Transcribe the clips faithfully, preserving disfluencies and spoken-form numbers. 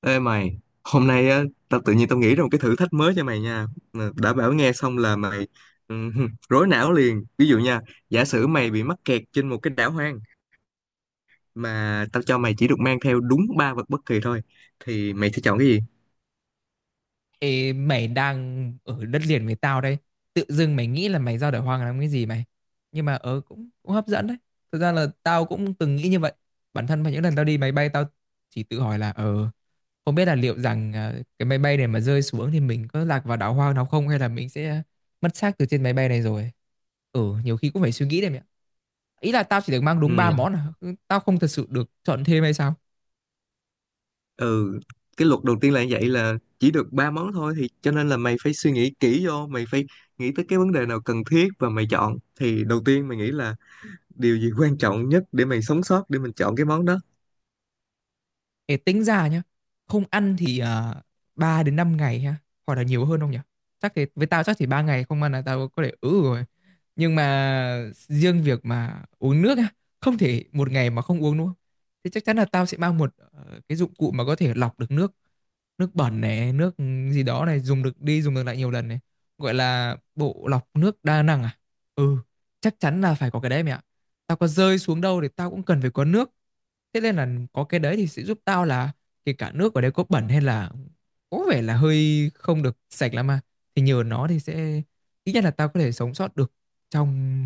Ê mày, hôm nay á, tao tự nhiên tao nghĩ ra một cái thử thách mới cho mày nha. Mà đã bảo nghe xong là mày ừm, rối não liền. Ví dụ nha, giả sử mày bị mắc kẹt trên một cái đảo hoang mà tao cho mày chỉ được mang theo đúng ba vật bất kỳ thôi, thì mày sẽ chọn cái gì? Ê, mày đang ở đất liền với tao đây, tự dưng mày nghĩ là mày ra đời hoang làm cái gì mày? Nhưng mà ở cũng, cũng hấp dẫn đấy. Thực ra là tao cũng từng nghĩ như vậy. Bản thân vào những lần tao đi máy bay, tao chỉ tự hỏi là ờ không biết là liệu rằng à, cái máy bay này mà rơi xuống thì mình có lạc vào đảo hoang nào không, hay là mình sẽ mất xác từ trên máy bay này rồi. Ừ, nhiều khi cũng phải suy nghĩ đấy mẹ ạ. Ý là tao chỉ được mang đúng ba Ừm, món à? Ừ, tao không thật sự được chọn thêm hay sao? Ừ, cái luật đầu tiên là như vậy, là chỉ được ba món thôi, thì cho nên là mày phải suy nghĩ kỹ vô, mày phải nghĩ tới cái vấn đề nào cần thiết và mày chọn. Thì đầu tiên mày nghĩ là điều gì quan trọng nhất để mày sống sót, để mình chọn cái món đó. Ê, tính ra nhá, không ăn thì à, ba đến năm ngày ha, hoặc là nhiều hơn không nhỉ? Chắc thì với tao chắc chỉ ba ngày không ăn là tao có thể ứ rồi. Nhưng mà riêng việc mà uống nước á, không thể một ngày mà không uống đúng không? Thế chắc chắn là tao sẽ mang một ờ, cái dụng cụ mà có thể lọc được nước nước bẩn này, nước gì đó này, dùng được đi dùng được lại nhiều lần này, gọi là bộ lọc nước đa năng à. Ừ. Chắc chắn là phải có cái đấy mẹ ạ. Tao có rơi xuống đâu thì tao cũng cần phải có nước. Thế nên là có cái đấy thì sẽ giúp tao là, kể cả nước ở đây có bẩn hay là có vẻ là hơi không được sạch lắm, mà thì nhờ nó thì sẽ, ít nhất là tao có thể sống sót được trong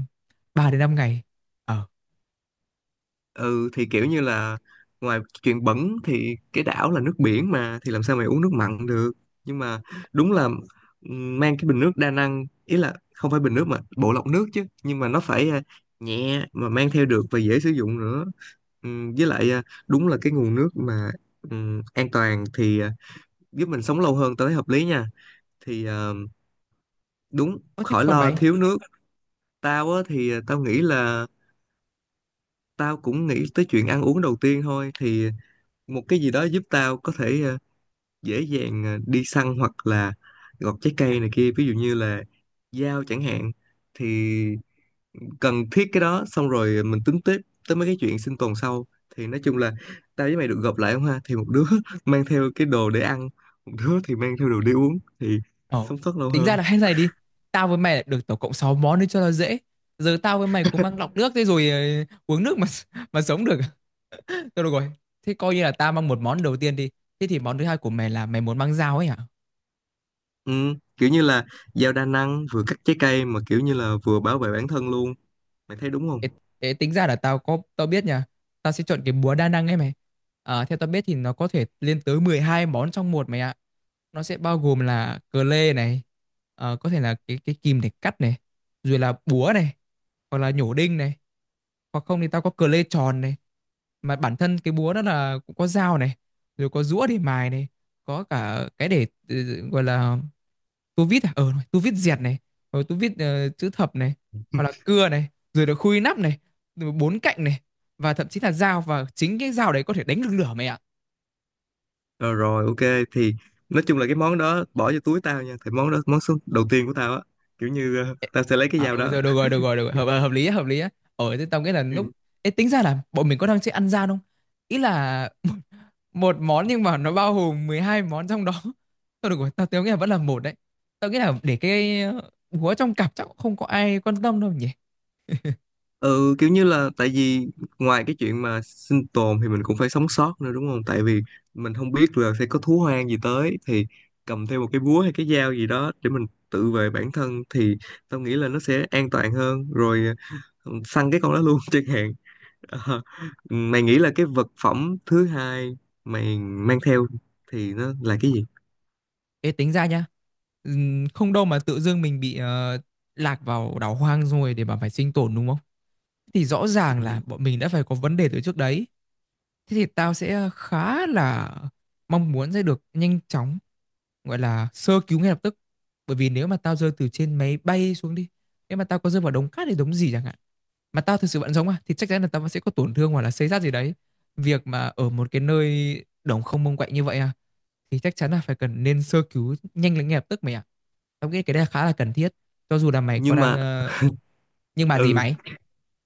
ba đến năm ngày. ờ Ừ thì kiểu như là ngoài chuyện bẩn thì cái đảo là nước biển mà, thì làm sao mày uống nước mặn được, nhưng mà đúng là ừm, mang cái bình nước đa năng, ý là không phải bình nước mà bộ lọc nước chứ, nhưng mà nó phải à, nhẹ mà mang theo được và dễ sử dụng nữa. Ừm, với lại à, đúng là cái nguồn nước mà ừm, an toàn thì à, giúp mình sống lâu hơn tới, hợp lý nha, thì à, đúng, có thế. khỏi Còn lo mày? thiếu nước. Tao á thì à, tao nghĩ là tao cũng nghĩ tới chuyện ăn uống đầu tiên thôi, thì một cái gì đó giúp tao có thể ờ, dễ dàng ờ, đi săn hoặc là gọt trái cây này kia, ví dụ như là dao chẳng hạn, thì cần thiết cái đó, xong rồi mình tính tiếp tới mấy cái chuyện sinh tồn sau. Thì nói chung là tao với mày được gộp lại không ha, thì một đứa mang theo cái đồ để ăn, một đứa thì mang theo đồ để uống, thì Ờ, sống sót lâu tính ra hơn. là hay này đi. Tao với mày lại được tổng cộng sáu món đi cho nó dễ. Giờ tao với mày cũng mang lọc nước thế rồi, ờ, uống nước mà mà sống được. Thôi được rồi. Thế coi như là tao mang một món đầu tiên đi. Thế thì món thứ hai của mày là mày muốn mang dao ấy hả? Ừ, kiểu như là dao đa năng, vừa cắt trái cây mà kiểu như là vừa bảo vệ bản thân luôn, mày thấy đúng không? Ê, ê, tính ra là tao có tao biết nha. Tao sẽ chọn cái búa đa năng ấy mày. À, theo tao biết thì nó có thể lên tới mười hai món trong một mày ạ. Nó sẽ bao gồm là cờ lê này, ờ, có thể là cái cái kìm để cắt này, rồi là búa này, hoặc là nhổ đinh này, hoặc không thì tao có cờ lê tròn này, mà bản thân cái búa đó là cũng có dao này, rồi có rũa để mài này, có cả cái để ừ, gọi là tu vít à ờ tu vít dẹt này, rồi tu vít ờ, chữ thập này, hoặc là cưa này, rồi là khui nắp này, rồi bốn cạnh này, và thậm chí là dao, và chính cái dao đấy có thể đánh được lửa mày ạ. Rồi, rồi, ok, thì nói chung là cái món đó bỏ vô túi tao nha, thì món đó, món số đầu tiên của tao á, kiểu như ờ, Ê, tao sẽ lấy cái à dao ừ đó. rồi được rồi, được rồi, được rồi, hợp, hợp lý á, hợp lý á. Ờ thế tao nghĩ là Ừ. lúc... Ê, tính ra là bọn mình có đang chơi ăn gian không? Ý là một món nhưng mà nó bao gồm mười hai món trong đó. Thôi được rồi, tao tao nghĩ là vẫn là một đấy. Tao nghĩ là để cái ờ, búa trong cặp chắc cũng không có ai quan tâm đâu nhỉ? Ừ, kiểu như là tại vì ngoài cái chuyện mà sinh tồn thì mình cũng phải sống sót nữa đúng không, tại vì mình không biết là sẽ có thú hoang gì tới, thì cầm theo một cái búa hay cái dao gì đó để mình tự vệ bản thân thì tao nghĩ là nó sẽ an toàn hơn rồi, ờ, săn cái con đó luôn chẳng hạn. Ờ, mày nghĩ là cái vật phẩm thứ hai mày mang theo thì nó là cái gì? Ê, tính ra nha. Ừm, không đâu mà tự dưng mình bị ờ, lạc vào đảo hoang rồi để mà phải sinh tồn đúng không? Thì rõ ràng Ừ, là bọn mình đã phải có vấn đề từ trước đấy. Thế thì tao sẽ khá là mong muốn sẽ được nhanh chóng gọi là sơ cứu ngay lập tức. Bởi vì nếu mà tao rơi từ trên máy bay xuống đi, nếu mà tao có rơi vào đống cát hay đống gì chẳng hạn mà tao thực sự vẫn sống à, thì chắc chắn là tao vẫn sẽ có tổn thương hoặc là xây xát gì đấy. Việc mà ở một cái nơi đồng không mông quạnh như vậy à, thì chắc chắn là phải cần nên sơ cứu nhanh lên ngay lập tức mày ạ. Tao nghĩ cái đây là khá là cần thiết cho dù là mày có nhưng đang mà ờ, nhưng mà gì ừ mày?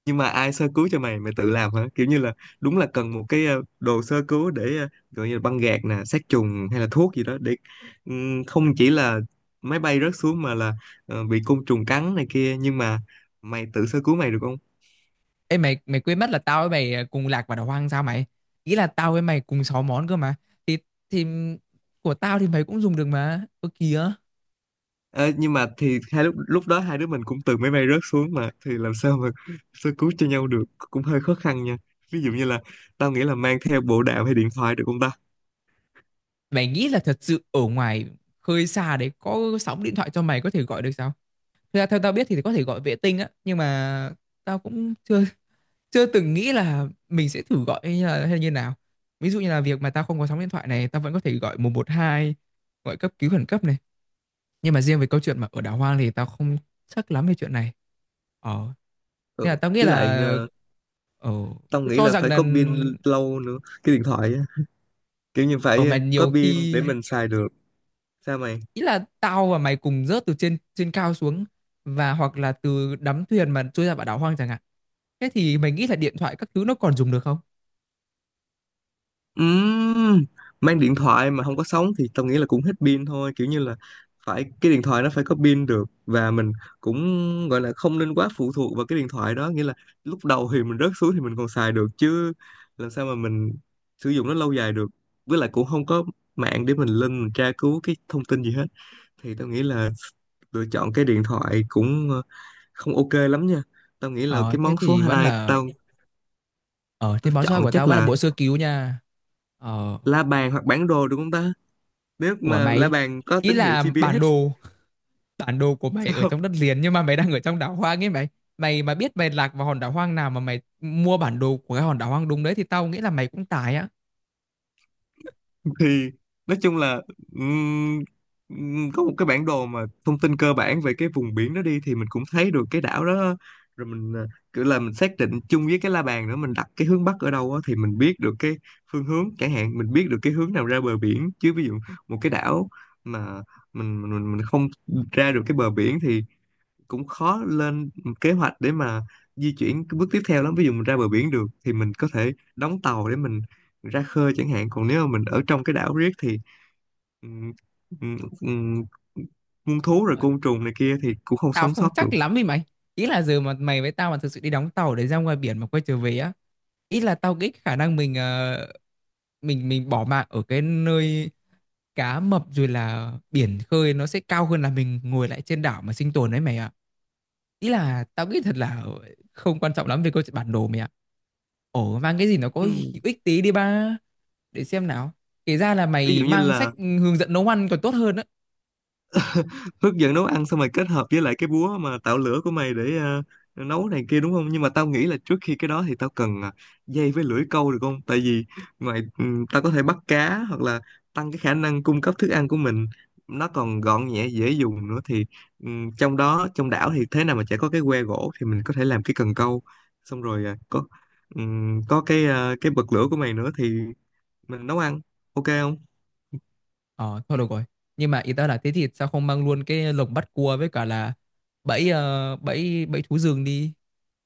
nhưng mà ai sơ cứu cho mày, mày tự làm hả? Kiểu như là đúng là cần một cái ờ, đồ sơ cứu để ờ, gọi như là băng gạc nè, sát trùng hay là thuốc gì đó, để ừm, không chỉ là máy bay rớt xuống, mà là ờ, bị côn trùng cắn này kia, nhưng mà mày tự sơ cứu mày được không? Ê mày mày quên mất là tao với mày ờ, cùng lạc vào đảo hoang sao mày? Ý là tao với mày cùng sáu món cơ mà, thì thì của tao thì mày cũng dùng được mà, ơ kìa. Ờ, nhưng mà thì hai lúc lúc đó, hai đứa mình cũng từ máy bay rớt xuống mà, thì làm sao mà sơ cứu cho nhau được, cũng hơi khó khăn nha. Ví dụ như là tao nghĩ là mang theo bộ đàm hay điện thoại được không ta? Mày nghĩ là thật sự ở ngoài khơi xa đấy có sóng điện thoại cho mày có thể gọi được sao? Thực ra theo tao biết thì có thể gọi vệ tinh á, nhưng mà tao cũng chưa chưa từng nghĩ là mình sẽ thử gọi hay là hay như nào. Ví dụ như là việc mà tao không có sóng điện thoại này, tao vẫn có thể gọi một một hai, gọi cấp cứu khẩn cấp này. Nhưng mà riêng về câu chuyện mà ở đảo hoang thì tao không chắc lắm về chuyện này. Ờ, Ừ. nên là tao nghĩ Với lại là ờ, tao cứ nghĩ cho là rằng phải là, có pin lâu nữa cái điện thoại á. Kiểu như ở phải mà ờ, có nhiều pin khi, để mình xài được, sao mày? ý là tao và mày cùng rớt từ trên trên cao xuống, và hoặc là từ đắm thuyền mà trôi ra vào đảo hoang chẳng hạn. Thế thì mày nghĩ là điện thoại các thứ nó còn dùng được không? Ừm, mang điện thoại mà không có sóng thì tao nghĩ là cũng hết pin thôi, kiểu như là phải, cái điện thoại nó phải có pin được, và mình cũng gọi là không nên quá phụ thuộc vào cái điện thoại đó, nghĩa là lúc đầu thì mình rớt xuống thì mình còn xài được, chứ làm sao mà mình sử dụng nó lâu dài được, với lại cũng không có mạng để mình lên mình tra cứu cái thông tin gì hết. Thì tao nghĩ là lựa chọn cái điện thoại cũng ờ, không ok lắm nha. Tao nghĩ là ờ cái Thế món số thì vẫn hai là, tao, ờ thế tao món xoay của chọn tao chắc vẫn là là bộ sơ cứu nha. ờ la bàn hoặc bản đồ, đúng không ta? Nếu của mà la mày, bàn có ý tín hiệu là bản giê pê ét đồ, bản đồ của mày ở không? trong đất liền nhưng mà mày đang ở trong đảo hoang ấy mày. Mày mà biết mày lạc vào hòn đảo hoang nào mà mày mua bản đồ của cái hòn đảo hoang đúng đấy thì tao nghĩ là mày cũng tài á. Thì nói chung là ừm, ừm, có một cái bản đồ mà thông tin cơ bản về cái vùng biển đó đi, thì mình cũng thấy được cái đảo đó, rồi mình à, kiểu là mình xác định chung với cái la bàn nữa, mình đặt cái hướng bắc ở đâu á, thì mình biết được cái phương hướng, chẳng hạn mình biết được cái hướng nào ra bờ biển chứ. Ví dụ một cái đảo mà mình mình mình mình không ra được cái bờ biển thì cũng khó lên kế hoạch để mà di chuyển cái bước tiếp theo lắm. Ví dụ mình ra bờ biển được thì mình có thể đóng tàu để mình ra khơi chẳng hạn, còn nếu mà mình ở trong cái đảo riết thì ừm, ừm, ừm, muôn thú rồi côn trùng này kia thì cũng không Tao sống sót không được. chắc lắm đi mày. Ý là giờ mà mày với tao mà thực sự đi đóng tàu để ra ngoài biển mà quay trở về á, ý là tao nghĩ khả năng mình ờ, mình mình bỏ mạng ở cái nơi cá mập rồi là biển khơi nó sẽ cao hơn là mình ngồi lại trên đảo mà sinh tồn đấy mày ạ. Ý là tao nghĩ thật là không quan trọng lắm về câu chuyện bản đồ mày ạ. Ồ, mang cái gì nó có Ừm, hữu ích tí đi ba. Để xem nào. Kể ra là ví mày dụ như mang là sách hướng dẫn nấu ăn còn tốt hơn á. hướng dẫn nấu ăn, xong rồi kết hợp với lại cái búa mà tạo lửa của mày để ờ, nấu này kia đúng không? Nhưng mà tao nghĩ là trước khi cái đó thì tao cần ờ, dây với lưỡi câu được không? Tại vì ngoài ừm, tao có thể bắt cá hoặc là tăng cái khả năng cung cấp thức ăn của mình, nó còn gọn nhẹ dễ dùng nữa, thì ừm, trong đó, trong đảo thì thế nào mà chả có cái que gỗ, thì mình có thể làm cái cần câu, xong rồi ờ, có ừm, có cái ờ, cái bật lửa của mày nữa thì mình nấu ăn, ok không? Ờ, thôi được rồi. Nhưng mà ý ta là thế thì sao không mang luôn cái lồng bắt cua với cả là bẫy, ờ, bẫy bẫy thú rừng đi.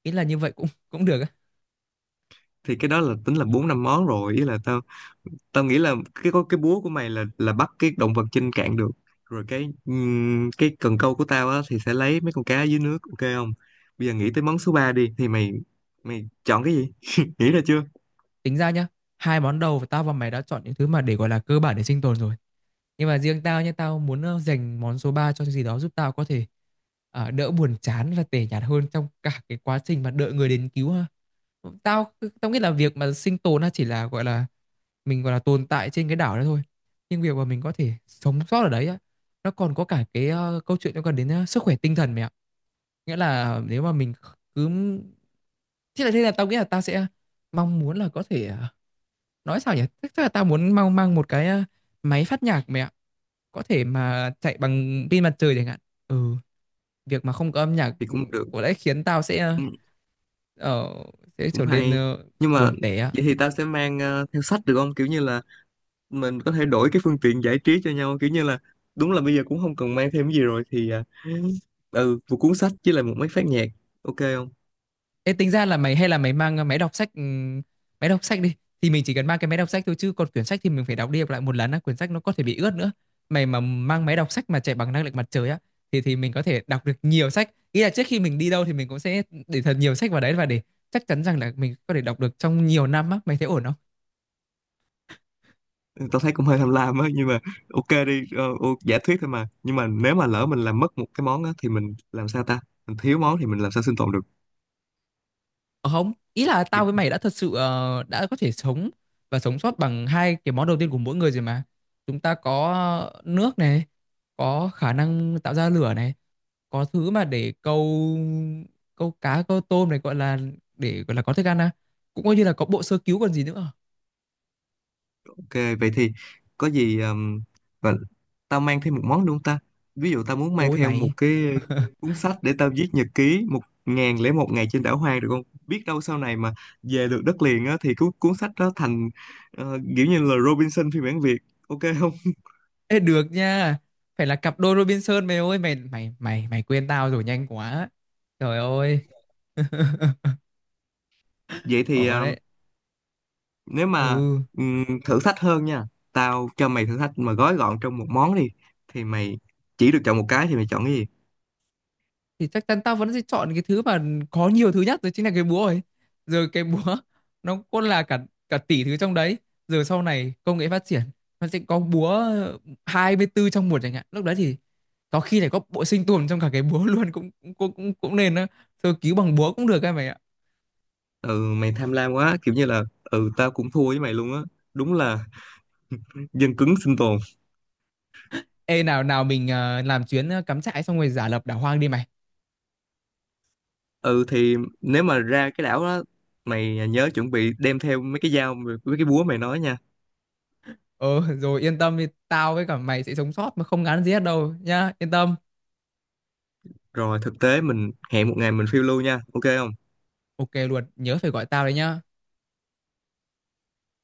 Ý là như vậy cũng cũng được á. Thì cái đó là tính là bốn năm món rồi, ý là tao, tao nghĩ là cái, có cái búa của mày là là bắt cái động vật trên cạn được, rồi cái ừm, cái cần câu của tao á thì sẽ lấy mấy con cá dưới nước, ok không? Bây giờ nghĩ tới món số ba đi, thì mày, mày chọn cái gì? Nghĩ ra chưa? Tính ra nhá, hai món đầu tao và mày đã chọn những thứ mà để gọi là cơ bản để sinh tồn rồi. Nhưng mà riêng tao nhá, tao muốn ờ, dành món số ba cho cái gì đó giúp tao có thể ờ, đỡ buồn chán và tẻ nhạt hơn trong cả cái quá trình mà đợi người đến cứu ha. Tao tao nghĩ là việc mà sinh tồn nó chỉ là gọi là mình gọi là tồn tại trên cái đảo đó thôi, nhưng việc mà mình có thể sống sót ở đấy á, nó còn có cả cái ờ, câu chuyện liên quan đến ờ, sức khỏe tinh thần mẹ ạ. Nghĩa là nếu mà mình cứ, thế là thế là tao nghĩ là tao sẽ mong muốn là có thể ờ, nói sao nhỉ, chắc chắc là tao muốn mang mang một cái ờ, máy phát nhạc mẹ ạ. Có thể mà chạy bằng pin mặt trời chẳng hạn. Ừ, việc mà không có âm nhạc Thì ừ, cũng được, có lẽ khiến tao sẽ ờ, cũng, ờ, sẽ cũng trở nên hay, ờ, nhưng mà buồn tẻ. vậy thì tao sẽ mang ờ, theo sách được không, kiểu như là mình có thể đổi cái phương tiện giải trí cho nhau, kiểu như là đúng là bây giờ cũng không cần mang thêm cái gì rồi, thì ờ, ừ một cuốn sách với lại một máy phát nhạc, ok không? Ê, tính ra là mày hay là mày mang, ờ, máy đọc sách, ừm, máy đọc sách đi. Thì mình chỉ cần mang cái máy đọc sách thôi, chứ còn quyển sách thì mình phải đọc đi đọc lại một lần á, quyển sách nó có thể bị ướt nữa. Mày mà mang máy đọc sách mà chạy bằng năng lượng mặt trời á, thì thì mình có thể đọc được nhiều sách. Ý là trước khi mình đi đâu thì mình cũng sẽ để thật nhiều sách vào đấy, và để chắc chắn rằng là mình có thể đọc được trong nhiều năm á, mày thấy ổn không? Tao thấy cũng hơi tham lam á, nhưng mà ok đi. Ờ, ô- giả thuyết thôi mà, nhưng mà nếu mà lỡ mình làm mất một cái món á thì mình làm sao ta, mình thiếu món thì mình làm sao sinh tồn được? Ờ, không, ý là tao với mày đã thật sự, ờ, đã có thể sống và sống sót bằng hai cái món đầu tiên của mỗi người rồi mà. Chúng ta có nước này, có khả năng tạo ra lửa này, có thứ mà để câu câu cá, câu tôm này, gọi là để gọi là có thức ăn à. Cũng coi như là có bộ sơ cứu còn gì nữa. Ok, vậy thì có gì um, và tao mang thêm một món đúng không ta? Ví dụ tao muốn mang Ôi theo một mày, cái cuốn sách để tao viết nhật ký một ngàn lẻ một ngày trên đảo hoang được không, biết đâu sau này mà về được đất liền á, thì cuốn cuốn sách đó thành ờ, kiểu như là Robinson phiên bản Việt, ok không? ê được nha. Phải là cặp đôi Robinson mày ơi, mày mày mày mày quên tao rồi nhanh quá. Trời ơi. Vậy thì Ồ ờ, đấy. nếu mà Ừ. ừm, thử thách hơn nha, tao cho mày thử thách mà gói gọn trong một món đi, thì mày chỉ được chọn một cái, thì mày chọn cái gì? Thì chắc chắn tao vẫn sẽ chọn cái thứ mà có nhiều thứ nhất rồi, chính là cái búa ấy. Rồi cái búa nó cũng là cả cả tỷ thứ trong đấy. Rồi sau này công nghệ phát triển, nó sẽ có búa hai mươi tư trong một chẳng hạn, lúc đấy thì có khi lại có bộ sinh tồn trong cả cái búa luôn, cũng cũng cũng cũng, cũng nên đó. Sơ cứu bằng búa cũng được các mày ạ. Ừ mày tham lam quá, kiểu như là, ừ tao cũng thua với mày luôn á. Đúng là dân cứng sinh tồn. Ê, nào nào, mình ờ, làm chuyến, ờ, cắm trại xong rồi giả lập đảo hoang đi mày. Ừ thì nếu mà ra cái đảo đó, mày nhớ chuẩn bị đem theo mấy cái dao mấy cái búa mày nói nha. ờ Rồi yên tâm đi, tao với cả mày sẽ sống sót mà không ngán gì hết đâu nhá, yên tâm. Rồi thực tế mình hẹn một ngày mình phiêu lưu nha, ok không? Ok luôn, nhớ phải gọi tao đấy nhá.